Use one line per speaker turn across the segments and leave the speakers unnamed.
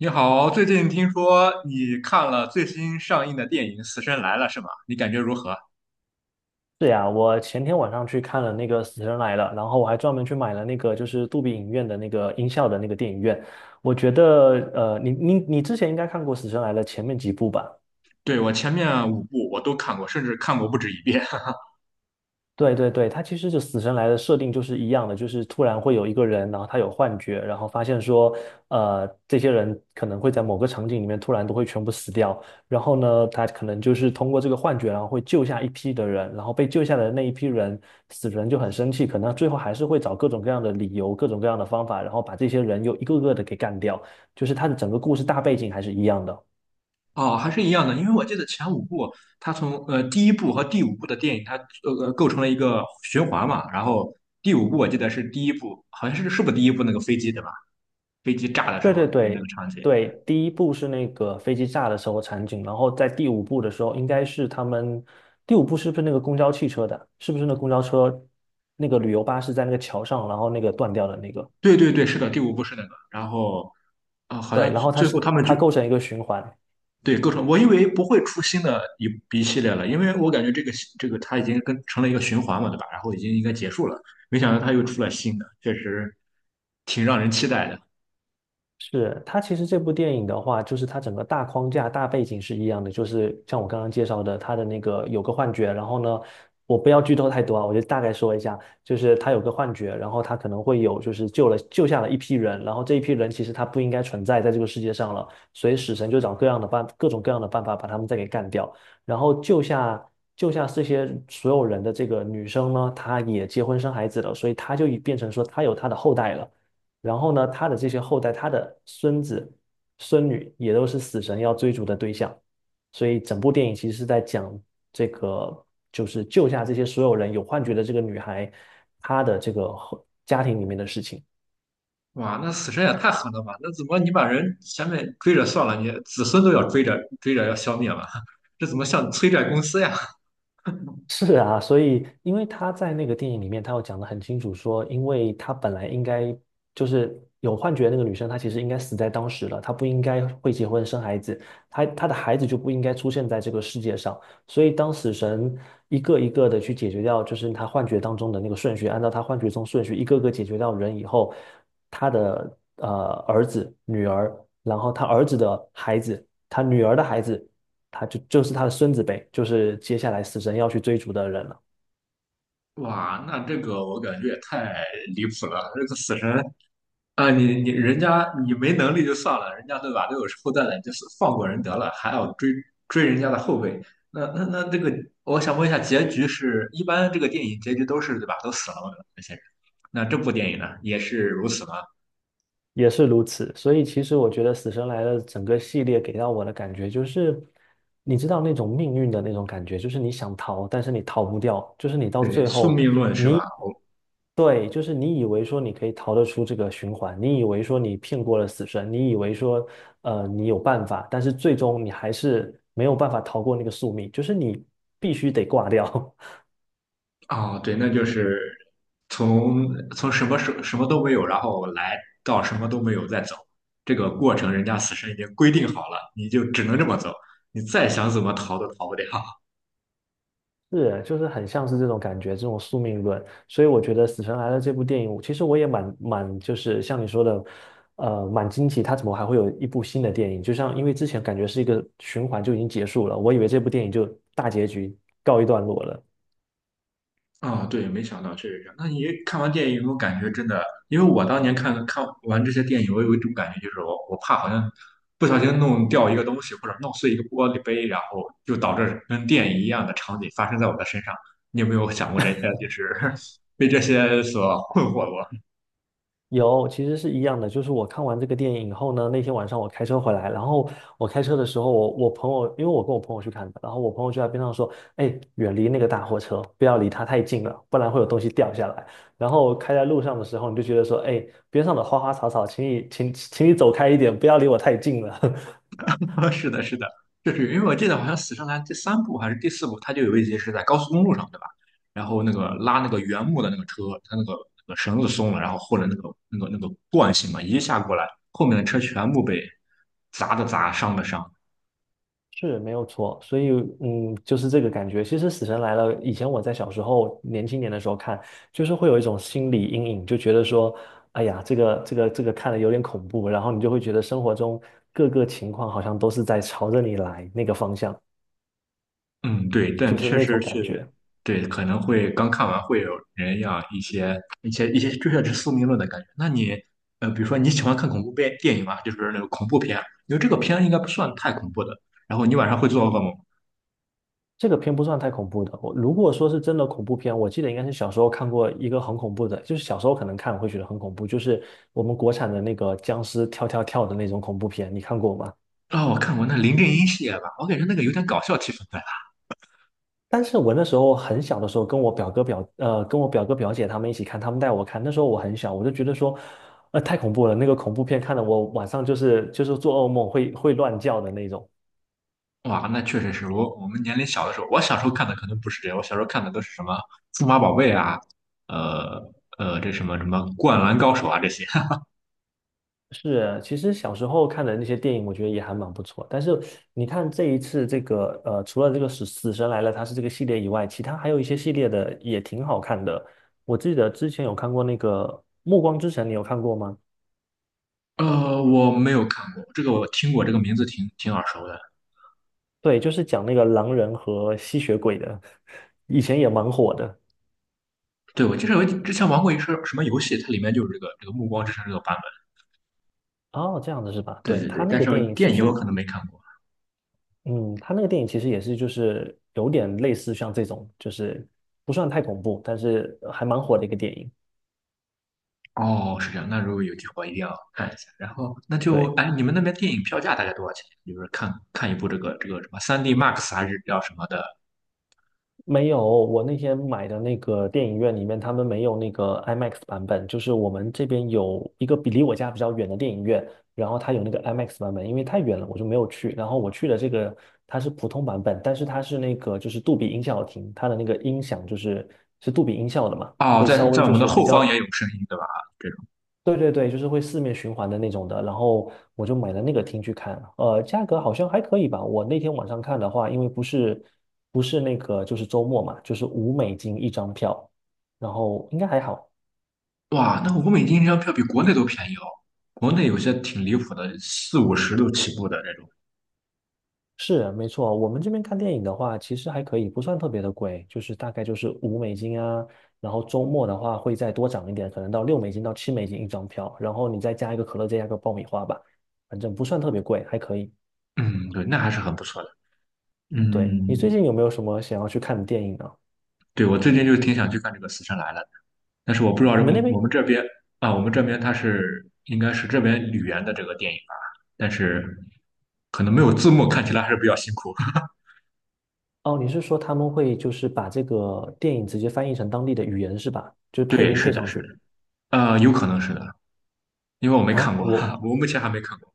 你好，最近听说你看了最新上映的电影《死神来了》是吗？你感觉如何？
是呀，我前天晚上去看了那个《死神来了》，然后我还专门去买了那个就是杜比影院的那个音效的那个电影院。我觉得，你之前应该看过《死神来了》前面几部吧？
对，我前面五部我都看过，甚至看过不止一遍。
对对对，他其实就死神来的设定就是一样的，就是突然会有一个人，然后他有幻觉，然后发现说，这些人可能会在某个场景里面突然都会全部死掉，然后呢，他可能就是通过这个幻觉，然后会救下一批的人，然后被救下的那一批人，死神就很生气，可能最后还是会找各种各样的理由、各种各样的方法，然后把这些人又一个个的给干掉，就是他的整个故事大背景还是一样的。
哦，还是一样的，因为我记得前五部，它从第一部和第五部的电影，它构成了一个循环嘛。然后第五部我记得是第一部，好像是不是第一部那个飞机对吧？飞机炸的时
对
候
对
的那个
对
场景。
对，第一部是那个飞机炸的时候场景，然后在第五部的时候，应该是他们第五部是不是那个公交汽车的？是不是那公交车那个旅游巴士在那个桥上，然后那个断掉的那个？
对对对，是的，第五部是那个。然后好
对，
像
然
最
后它
最后
是
他们就
它构成一个循环。
对，构成我以为不会出新的一系列了，因为我感觉这个它已经跟成了一个循环嘛，对吧？然后已经应该结束了，没想到它又出了新的，确实挺让人期待的。
是，它其实这部电影的话，就是它整个大框架、大背景是一样的，就是像我刚刚介绍的，它的那个有个幻觉，然后呢，我不要剧透太多啊，我就大概说一下，就是他有个幻觉，然后他可能会有就是救下了一批人，然后这一批人其实他不应该存在在这个世界上了，所以死神就找各样的办各种各样的办法把他们再给干掉，然后救下。救下这些所有人的这个女生呢，她也结婚生孩子了，所以她就已变成说她有她的后代了。然后呢，他的这些后代，他的孙子、孙女也都是死神要追逐的对象，所以整部电影其实是在讲这个，就是救下这些所有人有幻觉的这个女孩，她的这个后家庭里面的事情。
哇，那死神也太狠了吧！那怎么你把人前面追着算了，你子孙都要追着追着要消灭了，这怎么像催债公司呀？
是啊，所以因为他在那个电影里面，他有讲的很清楚说，因为他本来应该就是有幻觉的那个女生，她其实应该死在当时了，她不应该会结婚生孩子，她的孩子就不应该出现在这个世界上。所以当死神一个一个的去解决掉，就是他幻觉当中的那个顺序，按照他幻觉中顺序一个个解决掉人以后，他的儿子、女儿，然后他儿子的孩子，他女儿的孩子。就是他的孙子辈，就是接下来死神要去追逐的人了。
哇，那这个我感觉也太离谱了，这个死神啊，你人家你没能力就算了，人家对吧都有后代了，就是放过人得了，还要追人家的后辈，那这个，我想问一下，结局是一般这个电影结局都是对吧，都死了嘛那些人，那这部电影呢也是如此吗？
也是如此。所以其实我觉得《死神来了》整个系列给到我的感觉就是，你知道那种命运的那种感觉，就是你想逃，但是你逃不掉，就是你到
对，
最
宿
后，
命论是吧？
你对，就是你以为说你可以逃得出这个循环，你以为说你骗过了死神，你以为说你有办法，但是最终你还是没有办法逃过那个宿命，就是你必须得挂掉。
哦，对，那就是从从什么什么都没有，然后来到什么都没有再走，这个过程人家死神已经规定好了，你就只能这么走，你再想怎么逃都逃不掉。
是，就是很像是这种感觉，这种宿命论。所以我觉得《死神来了》这部电影，其实我也，就是像你说的，蛮惊奇，它怎么还会有一部新的电影？就像因为之前感觉是一个循环就已经结束了，我以为这部电影就大结局告一段落了。
对，没想到确实是这样。那你看完电影有没有感觉真的？因为我当年看完这些电影，我有一种感觉，就是我怕好像不小心弄掉一个东西，或者弄碎一个玻璃杯，然后就导致跟电影一样的场景发生在我的身上。你有没有想过这些？就是 被这些所困惑过？
有，其实是一样的。就是我看完这个电影以后呢，那天晚上我开车回来，然后我开车的时候，我朋友，因为我跟我朋友去看的，然后我朋友就在边上说：“哎，远离那个大货车，不要离它太近了，不然会有东西掉下来。”然后开在路上的时候，你就觉得说：“哎，边上的花花草草，请你走开一点，不要离我太近了。”
啊，是的，是的，就是因为我记得好像《死神来了第三部还是第四部，它就有一集是在高速公路上，对吧？然后那个拉那个原木的那个车，它那个绳子松了，然后或者那个惯性嘛，一下过来，后面的车全部被砸的砸，伤的伤。
是没有错，所以嗯，就是这个感觉。其实《死神来了》以前我在小时候年轻年的时候看，就是会有一种心理阴影，就觉得说，哎呀，这个看了有点恐怖，然后你就会觉得生活中各个情况好像都是在朝着你来那个方向，
嗯，对，但
就是
确
那
实
种感
是，
觉。
对，可能会刚看完会有人要一些追下是宿命论的感觉。那你比如说你喜欢看恐怖片电影啊，就是那个恐怖片啊，因为这个片应该不算太恐怖的。然后你晚上会做噩梦吗？
这个片不算太恐怖的，我如果说是真的恐怖片，我记得应该是小时候看过一个很恐怖的，就是小时候可能看会觉得很恐怖，就是我们国产的那个僵尸跳跳跳的那种恐怖片，你看过吗？
哦，我看过那林正英系列吧，我感觉那个有点搞笑气氛在
但是我那时候很小的时候，跟我表哥表姐他们一起看，他们带我看。那时候我很小，我就觉得说，太恐怖了，那个恐怖片看的我晚上就是做噩梦会乱叫的那种。
那。哇，那确实是我们年龄小的时候，我小时候看的可能不是这样，我小时候看的都是什么数码宝贝啊，呃这什么什么灌篮高手啊这些。
是，其实小时候看的那些电影，我觉得也还蛮不错。但是你看这一次这个除了这个死神来了，它是这个系列以外，其他还有一些系列的也挺好看的。我记得之前有看过那个《暮光之城》，你有看过吗？
我没有看过，这个我听过，这个名字挺挺耳熟的。
对，就是讲那个狼人和吸血鬼的，以前也蛮火的。
对，我记得我之前玩过一个什么游戏，它里面就是这个《暮光之城》这个版本。
哦，这样子是吧？
对
对，
对对，
他那
但
个
是
电影其
电影我
实，
可能没看过。
嗯，他那个电影其实也是就是有点类似像这种，就是不算太恐怖，但是还蛮火的一个电影。
哦，是这样。那如果有机会，一定要看一下。然后，那就
对。
哎，你们那边电影票价大概多少钱？就是看一部这个这个什么3D Max 还是叫什么的？
没有，我那天买的那个电影院里面，他们没有那个 IMAX 版本，就是我们这边有一个离我家比较远的电影院，然后它有那个 IMAX 版本，因为太远了，我就没有去。然后我去的这个它是普通版本，但是它是那个就是杜比音效厅，它的那个音响就是是杜比音效的嘛，
哦，
会
在
稍
在
微
我
就
们的
是比
后
较
方也有声音，对吧？这种
对对对，就是会四面循环的那种的，然后我就买了那个厅去看。价格好像还可以吧。我那天晚上看的话，因为不是那个就是周末嘛，就是五美金一张票，然后应该还好。
哇，那欧美金一张票比国内都便宜哦。国内有些挺离谱的，四五十都起步的这种。
是，没错，我们这边看电影的话，其实还可以，不算特别的贵，就是大概就是五美金啊，然后周末的话会再多涨一点，可能到6美金到7美金一张票，然后你再加一个可乐，再加一个爆米花吧，反正不算特别贵，还可以。
嗯，对，那还是很不错的。
对，你最
嗯，
近有没有什么想要去看的电影呢？
对，我最近就挺想去看这个《死神来了》，但是我不知道这
你们那边
我们这边啊，我们这边它是应该是这边语言的这个电影吧，但是可能没有字幕，看起来还是比较辛苦。
哦，你是说他们会就是把这个电影直接翻译成当地的语言是吧？就是配
对，
音
是
配
的，
上
是的，
去
有可能是的，因为我没看
啊？
过，哈哈
我
我目前还没看过，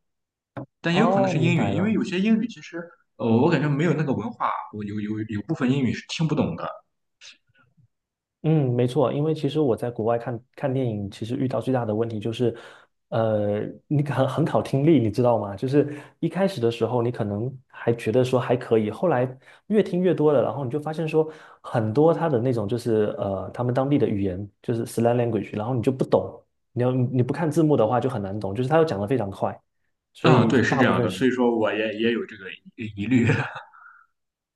但也有可能
哦，
是
明
英语，
白
因为
了。
有些英语其实，我感觉没有那个文化，我有部分英语是听不懂的。
嗯，没错，因为其实我在国外看看电影，其实遇到最大的问题就是，呃，你很考听力，你知道吗？就是一开始的时候，你可能还觉得说还可以，后来越听越多了，然后你就发现说很多他的那种就是他们当地的语言就是 slang language，然后你就不懂，你不看字幕的话就很难懂，就是他又讲的非常快，所
啊，
以
对，是
大
这
部
样
分
的，
是。
所以说我也有这个疑虑。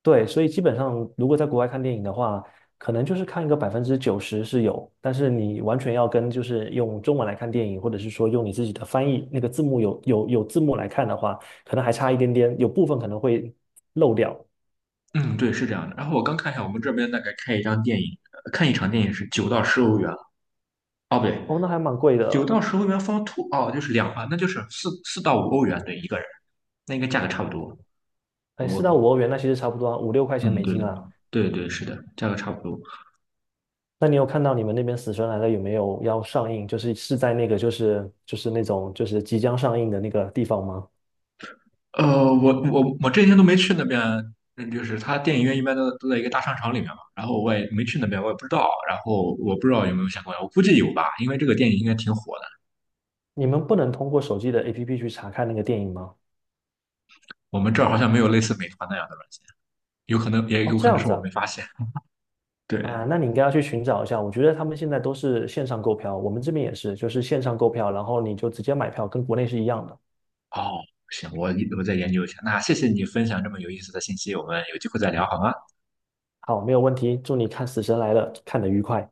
对，所以基本上，如果在国外看电影的话，可能就是看一个90%是有，但是你完全要跟就是用中文来看电影，或者是说用你自己的翻译那个字幕有字幕来看的话，可能还差一点点，有部分可能会漏掉。
嗯，对，是这样的。然后我刚看一下，我们这边大概看一场电影是九到十欧元。哦，不对，
哦，那还蛮贵
九
的，
到十欧元 f o two 哦，就是两啊，那就是四到五欧元对一个人，那应该价格差不多。
哎，四到
我
五欧元，那其实差不多啊五六块钱
嗯,
美
对
金
的，
啦。
对对是的，价格差不多。
那你有看到你们那边《死神来了》有没有要上映？就是是在那个就是那种就是即将上映的那个地方吗？
我这几天都没去那边，嗯就是他电影院一般都在一个大商场里面嘛，然后我也没去那边，我也不知道，然后我不知道有没有相关，我估计有吧，因为这个电影应该挺火的。
你们不能通过手机的 APP 去查看那个电影吗？
我们这儿好像没有类似美团那样的软件，有可能也
哦，
有
这
可能
样
是
子
我
啊，
没发现。
啊，
对，
那你应该要去寻找一下。我觉得他们现在都是线上购票，我们这边也是，就是线上购票，然后你就直接买票，跟国内是一样的。
哦，行，我再研究一下。那谢谢你分享这么有意思的信息，我们有机会再聊好吗？
好，没有问题，祝你看《死神来了》看得愉快。